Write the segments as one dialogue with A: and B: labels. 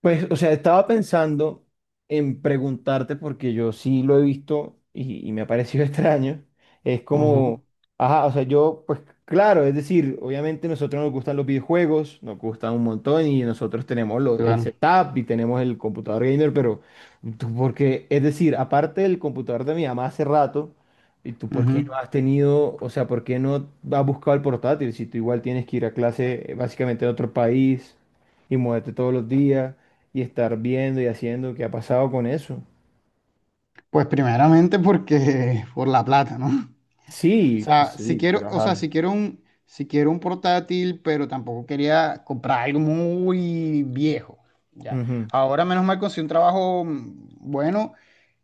A: Pues, o sea, estaba pensando en preguntarte, porque yo sí lo he visto y me ha parecido extraño. Es
B: Ujú,
A: como, ajá, o sea, yo, pues claro, es decir, obviamente nosotros nos gustan los videojuegos, nos gustan un montón y nosotros tenemos el
B: claro.
A: setup y tenemos el computador gamer, pero tú, porque, es decir, aparte del computador de mi mamá hace rato, ¿y tú por qué no
B: Ujú.
A: has tenido, o sea, por qué no has buscado el portátil si tú igual tienes que ir a clase básicamente en otro país y muévete todos los días? Y estar viendo y haciendo qué ha pasado con eso.
B: Pues primeramente porque por la plata, ¿no? O
A: Sí, pues
B: sea, si
A: sí,
B: quiero,
A: pero
B: o
A: ajá.
B: sea, si quiero un, si quiero un portátil, pero tampoco quería comprar algo muy viejo. Ya.
A: Ujú,
B: Ahora menos mal conseguí un trabajo bueno,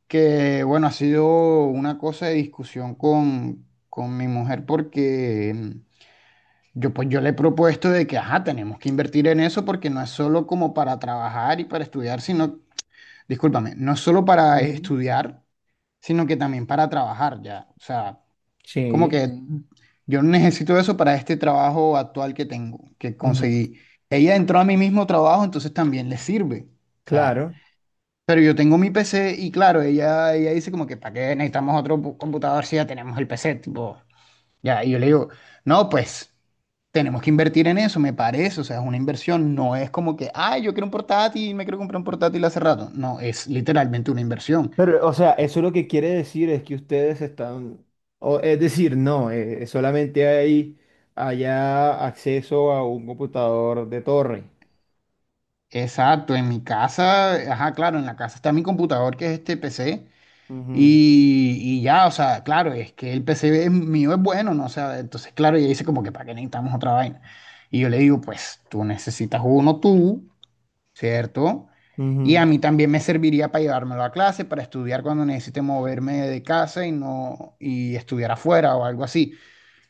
B: que bueno, ha sido una cosa de discusión con mi mujer porque yo pues yo le he propuesto de que, ajá, tenemos que invertir en eso porque no es solo como para trabajar y para estudiar, sino discúlpame, no solo para
A: ujú.
B: estudiar, sino que también para trabajar ya. O sea, como
A: Sí,
B: que yo necesito eso para este trabajo actual que tengo, que
A: ujú,
B: conseguí. Ella entró a mi mismo trabajo, entonces también le sirve. O sea,
A: claro.
B: pero yo tengo mi PC y claro, ella dice como que, ¿para qué necesitamos otro computador si ya tenemos el PC? Tipo, ya, y yo le digo, no, pues tenemos que invertir en eso, me parece, o sea, es una inversión, no es como que, ay, yo quiero un portátil, me quiero comprar un portátil hace rato, no, es literalmente una inversión.
A: Pero, o sea, eso lo que quiere decir es que ustedes están, o, es decir, no, solamente hay allá acceso a un computador de torre.
B: Exacto, en mi casa, ajá, claro, en la casa está mi computador, que es este PC,
A: Ujú,
B: y ya, o sea, claro, es que el PC mío es bueno, ¿no? O sea, entonces, claro, ella dice como que, ¿para qué necesitamos otra vaina? Y yo le digo, pues tú necesitas uno tú, ¿cierto? Y
A: ujú.
B: a mí también me serviría para llevármelo a clase, para estudiar cuando necesite moverme de casa y no y estudiar afuera o algo así.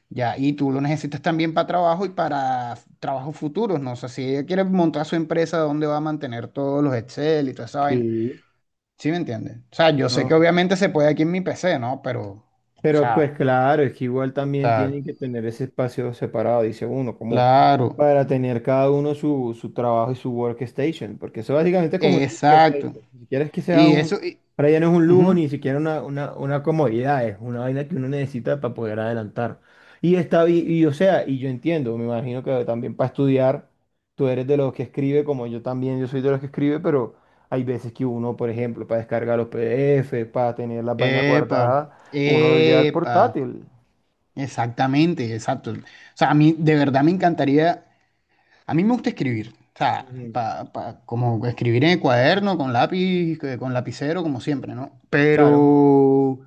B: Ya, y tú lo necesitas también para trabajo y para trabajos futuros, ¿no? O sea, si ella quiere montar su empresa, ¿dónde va a mantener todos los Excel y toda esa vaina?
A: Sí.
B: ¿Sí me entiendes? O sea, yo sé que
A: ¿No?
B: obviamente se puede aquí en mi PC, ¿no? Pero,
A: Pero pues
B: sea,
A: claro, es que igual
B: o
A: también
B: sea,
A: tienen que tener ese espacio separado, dice uno, como
B: claro,
A: para tener cada uno su trabajo y su workstation, porque eso básicamente es como una
B: exacto.
A: workstation. Ni siquiera es que sea
B: Y
A: un,
B: eso,
A: para ella no es un lujo,
B: ujú.
A: ni siquiera una, una comodidad, es una vaina que uno necesita para poder adelantar. Y está, y, o sea, y yo entiendo, me imagino que también para estudiar, tú eres de los que escribe, como yo también, yo soy de los que escribe, pero hay veces que uno, por ejemplo, para descargar los PDF, para tener las vainas
B: Epa,
A: guardadas uno lleva el
B: epa.
A: portátil.
B: Exactamente, exacto. O sea, a mí de verdad me encantaría, a mí me gusta escribir, o sea,
A: Ujú,
B: como escribir en el cuaderno, con lápiz, con lapicero, como siempre, ¿no?
A: claro,
B: Pero,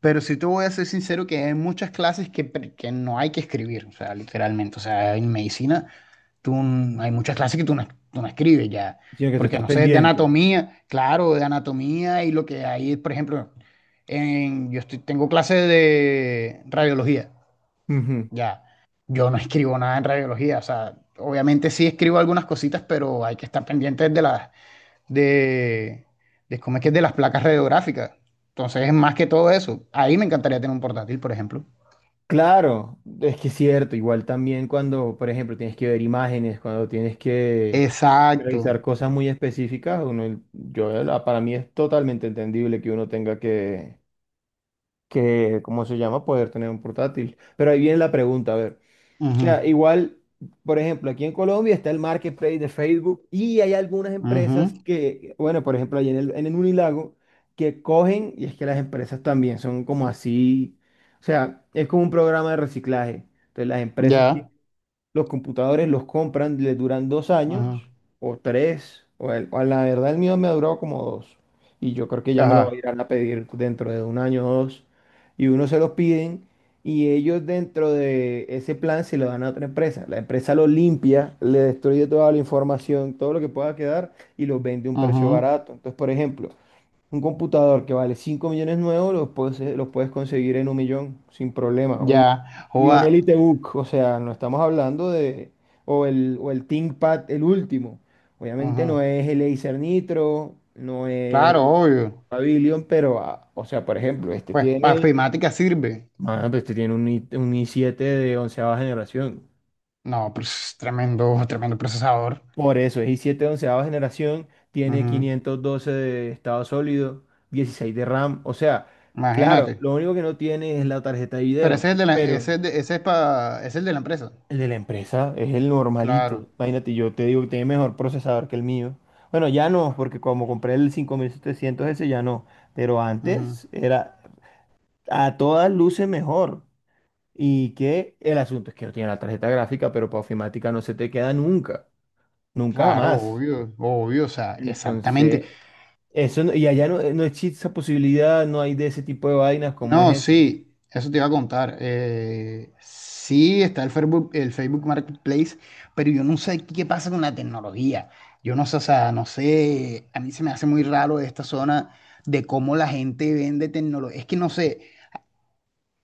B: pero sí te voy a ser sincero que hay muchas clases que, que no hay que escribir, o sea, literalmente, o sea, en medicina tú, hay muchas clases que tú no, escribes ya,
A: sino que tú
B: porque
A: estás
B: no sé, de
A: pendiente.
B: anatomía, claro, de anatomía y lo que hay, por ejemplo, tengo clases de radiología.
A: Ujú,
B: Ya, yo no escribo nada en radiología, o sea, obviamente sí escribo algunas cositas, pero hay que estar pendientes de las, de, de cómo es que es de las placas radiográficas. Entonces, es más que todo eso. Ahí me encantaría tener un portátil, por ejemplo.
A: claro, es que es cierto, igual también cuando, por ejemplo, tienes que ver imágenes, cuando tienes que
B: Exacto.
A: revisar cosas muy específicas, uno, yo, para mí es totalmente entendible que uno tenga que, ¿cómo se llama? Poder tener un portátil. Pero ahí viene la pregunta, a ver. O
B: Ujú,
A: sea, igual, por ejemplo, aquí en Colombia está el marketplace de Facebook y hay algunas
B: ujú,
A: empresas que, bueno, por ejemplo, allí en el Unilago, que cogen, y es que las empresas también son como así, o sea, es como un programa de reciclaje. Entonces, las empresas
B: ya.
A: los computadores los compran, les duran 2 años
B: Ujú,
A: o tres, o, o la verdad el mío me ha durado como dos. Y yo creo que ya me lo
B: ajá.
A: irán a pedir dentro de un año o dos. Y uno se los piden y ellos dentro de ese plan se lo dan a otra empresa. La empresa lo limpia, le destruye toda la información, todo lo que pueda quedar y los vende a un precio
B: Ujú,
A: barato. Entonces, por ejemplo, un computador que vale 5 millones nuevos los puedes, conseguir en un millón sin problema.
B: ya.
A: Y
B: Joda,
A: un EliteBook, o sea, no estamos hablando de... O el ThinkPad, el último. Obviamente no
B: ujú.
A: es el Acer Nitro, no es
B: Claro,
A: el
B: obvio.
A: Pavilion, pero, ah, o sea, por ejemplo, este
B: Pues para
A: tiene...
B: ofimática sirve.
A: Ah, pues este tiene un i7 de onceava generación.
B: No, pues tremendo, tremendo procesador.
A: Por eso, es i7 onceava generación, tiene
B: Ujú,
A: 512 de estado sólido, 16 de RAM. O sea, claro,
B: imagínate.
A: lo único que no tiene es la tarjeta de
B: Pero
A: video,
B: ese es el de la,
A: pero
B: ese es ese es es el de la empresa.
A: el de la empresa es el normalito.
B: Claro.
A: Imagínate, yo te digo que tiene mejor procesador que el mío. Bueno, ya no, porque como compré el 5700 ese, ya no. Pero
B: Ujú.
A: antes era a todas luces mejor. Y que el asunto es que no tiene la tarjeta gráfica, pero para ofimática no se te queda nunca, nunca
B: Claro,
A: jamás.
B: obvio, obvio, o sea, exactamente.
A: Entonces, Eso no- y allá
B: Y-
A: no, no existe esa posibilidad, no hay de ese tipo de vainas, ¿cómo es
B: No,
A: eso?
B: sí, eso te iba a contar. Sí, está el Facebook Marketplace, pero yo no sé qué pasa con la tecnología. Yo no sé, o sea, no sé, a mí se me hace muy raro esta zona de cómo la gente vende tecnología. Es que no sé,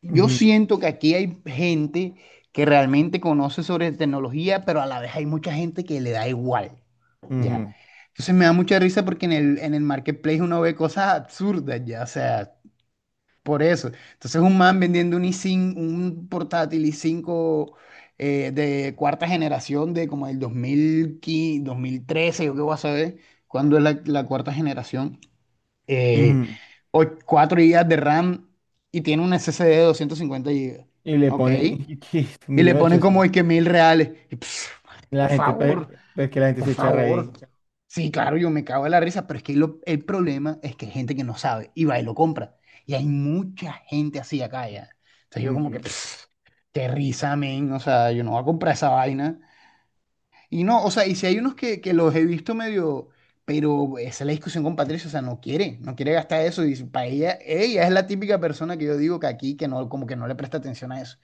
B: yo
A: Ujú,
B: siento que aquí hay gente que realmente conoce sobre tecnología, pero a la vez hay mucha gente que le da igual, ¿ya?
A: ujú,
B: Entonces me da mucha risa porque en el marketplace uno ve cosas absurdas, ¿ya? O sea, por eso. Entonces un man vendiendo un i5, un portátil i5 de cuarta generación de como el 2015, 2013, yo qué voy a saber cuándo es la, cuarta generación eh,
A: ujú.
B: 4 GB de RAM y tiene un SSD de 250 GB.
A: Y le
B: ¿Ok?
A: ponen
B: Y le ponen como
A: 1.800.000.
B: es que 1000 reales. Y, pf,
A: La
B: por
A: gente, pues,
B: favor,
A: pues que la gente
B: por
A: se charra
B: favor.
A: ahí.
B: Sí, claro, yo me cago en la risa, pero es que el problema es que hay gente que no sabe y va y lo compra. Y hay mucha gente así acá ya. Entonces yo como que,
A: Ujú.
B: pf, qué risa, men. O sea, yo no voy a comprar esa vaina. Y no, o sea, y si hay unos que los he visto medio, pero esa es la discusión con Patricia, o sea, no quiere gastar eso. Y para ella, ella es la típica persona que yo digo que aquí, que no, como que no le presta atención a eso.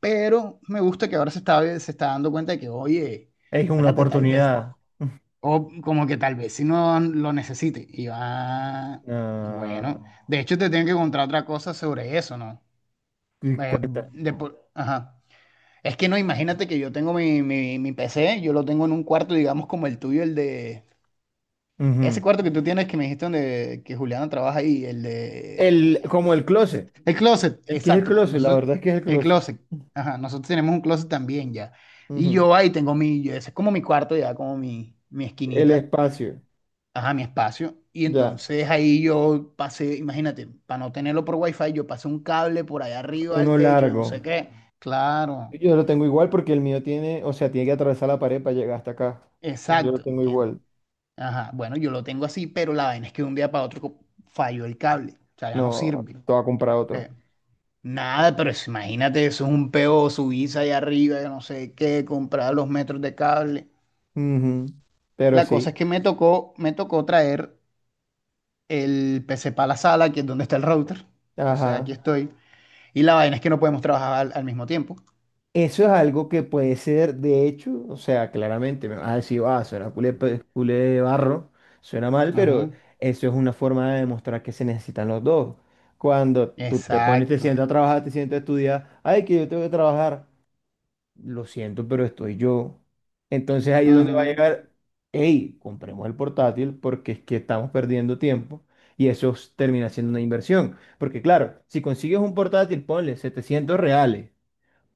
B: Pero me gusta que ahora se está dando cuenta de que, oye,
A: Es una
B: espérate, tal vez,
A: oportunidad.
B: o como que tal vez si no lo necesite. Y va,
A: Ah,
B: bueno, de hecho te tengo que contar otra cosa sobre eso, ¿no?
A: y cuenta.
B: Ajá. Es que no, imagínate que yo tengo mi PC, yo lo tengo en un cuarto, digamos, como el tuyo, el de.
A: Ujú.
B: Ese cuarto que tú tienes que me dijiste donde que Juliana trabaja ahí, el de.
A: Como el closet.
B: El closet,
A: El que es el
B: exacto, con
A: closet, la
B: nosotros,
A: verdad es que es el
B: el
A: closet.
B: closet. Ajá, nosotros tenemos un closet también ya. Y
A: Ujú.
B: yo ahí tengo mi. Ese es como mi cuarto ya, como mi
A: El
B: esquinita.
A: espacio.
B: Ajá, mi espacio. Y
A: Ya.
B: entonces ahí yo pasé, imagínate, para no tenerlo por wifi, yo pasé un cable por allá arriba al
A: Uno
B: techo, yo no sé
A: largo.
B: qué. Claro,
A: Yo lo tengo igual porque el mío tiene, o sea, tiene que atravesar la pared para llegar hasta acá. Yo lo
B: exacto.
A: tengo igual.
B: Ajá, bueno, yo lo tengo así, pero la vaina es que de un día para otro falló el cable, o sea, ya no
A: No,
B: sirve.
A: te voy a comprar otro.
B: Eh, nada, pero eso, imagínate, eso es un peo, subirse allá arriba, yo no sé qué, comprar los metros de cable.
A: Ujú, pero
B: La cosa
A: sí,
B: es que me tocó traer el PC para la sala, que es donde está el router. Entonces aquí
A: ajá.
B: estoy. Y la vaina es que no podemos trabajar al mismo tiempo.
A: Eso es algo que puede ser, de hecho, o sea, claramente me vas a decir, ah, suena culé, culé de barro, suena mal, pero
B: Ujú,
A: eso es una forma de demostrar que se necesitan los dos. Cuando tú te pones, te
B: exacto.
A: sientas a trabajar, te sientas a estudiar, ay, que yo tengo que trabajar. Lo siento, pero estoy yo. Entonces ahí es donde va a
B: Ujú,
A: llegar, hey, compremos el portátil porque es que estamos perdiendo tiempo y eso termina siendo una inversión. Porque claro, si consigues un portátil, ponle 700 reales,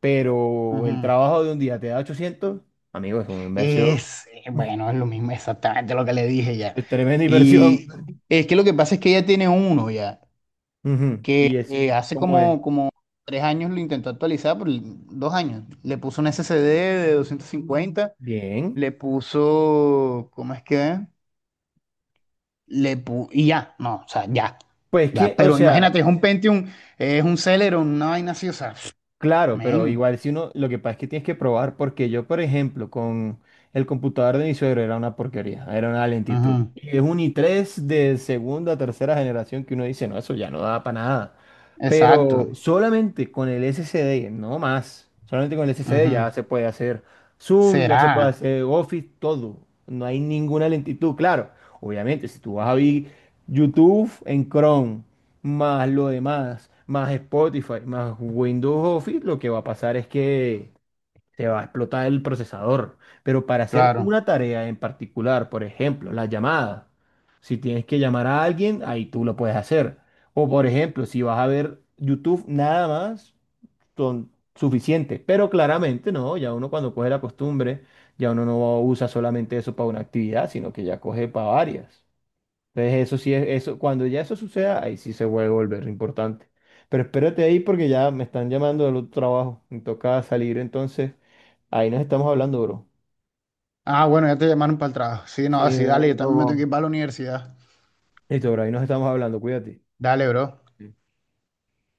A: pero el
B: ujú.
A: trabajo de un día te da 800 amigo, es una inversión,
B: Es, bueno, es lo mismo, exactamente lo que le dije ya.
A: es tremenda inversión.
B: Sí, y es que lo que pasa es que ella tiene uno ya.
A: Ujú. Y ese,
B: Hace
A: ¿cómo es?
B: como 3 años lo intentó actualizar, por 2 años. Le puso un SSD de 250
A: Bien.
B: le puso, ¿cómo es que? ¿Es? Y ya, no, o sea, ya,
A: Pues que,
B: ya.
A: o
B: Pero
A: sea,
B: imagínate, es un Pentium, es un Celeron, una vaina así, o sea,
A: claro, pero
B: men.
A: igual si uno, lo que pasa es que tienes que probar, porque yo, por ejemplo, con el computador de mi suegro era una porquería, era una lentitud.
B: Ujú,
A: Y es un i3 de segunda, tercera generación que uno dice, no, eso ya no da para nada.
B: exacto.
A: Pero solamente con el SSD, no más, solamente con el SSD ya
B: Ujú.
A: se puede hacer Zoom, ya se puede
B: Será,
A: hacer Office, todo. No hay ninguna lentitud, claro. Obviamente, si tú vas a ver YouTube en Chrome, más lo demás, más Spotify, más Windows Office, lo que va a pasar es que se va a explotar el procesador. Pero para hacer
B: claro.
A: una tarea en particular, por ejemplo, la llamada, si tienes que llamar a alguien, ahí tú lo puedes hacer. O por ejemplo, si vas a ver YouTube nada más, son suficientes. Pero claramente no, ya uno cuando coge la costumbre, ya uno no usa solamente eso para una actividad, sino que ya coge para varias. Entonces eso sí es, eso, cuando ya eso suceda, ahí sí se vuelve a volver importante. Pero espérate ahí porque ya me están llamando del otro trabajo. Me toca salir entonces. Ahí nos estamos hablando, bro.
B: Ah, bueno, ya te llamaron para el trabajo. Sí,
A: Sí,
B: no, sí,
A: ahí
B: dale, yo
A: me
B: también me tengo que
A: tomo.
B: ir para la universidad.
A: Listo, bro, ahí nos estamos hablando, cuídate.
B: Dale, bro.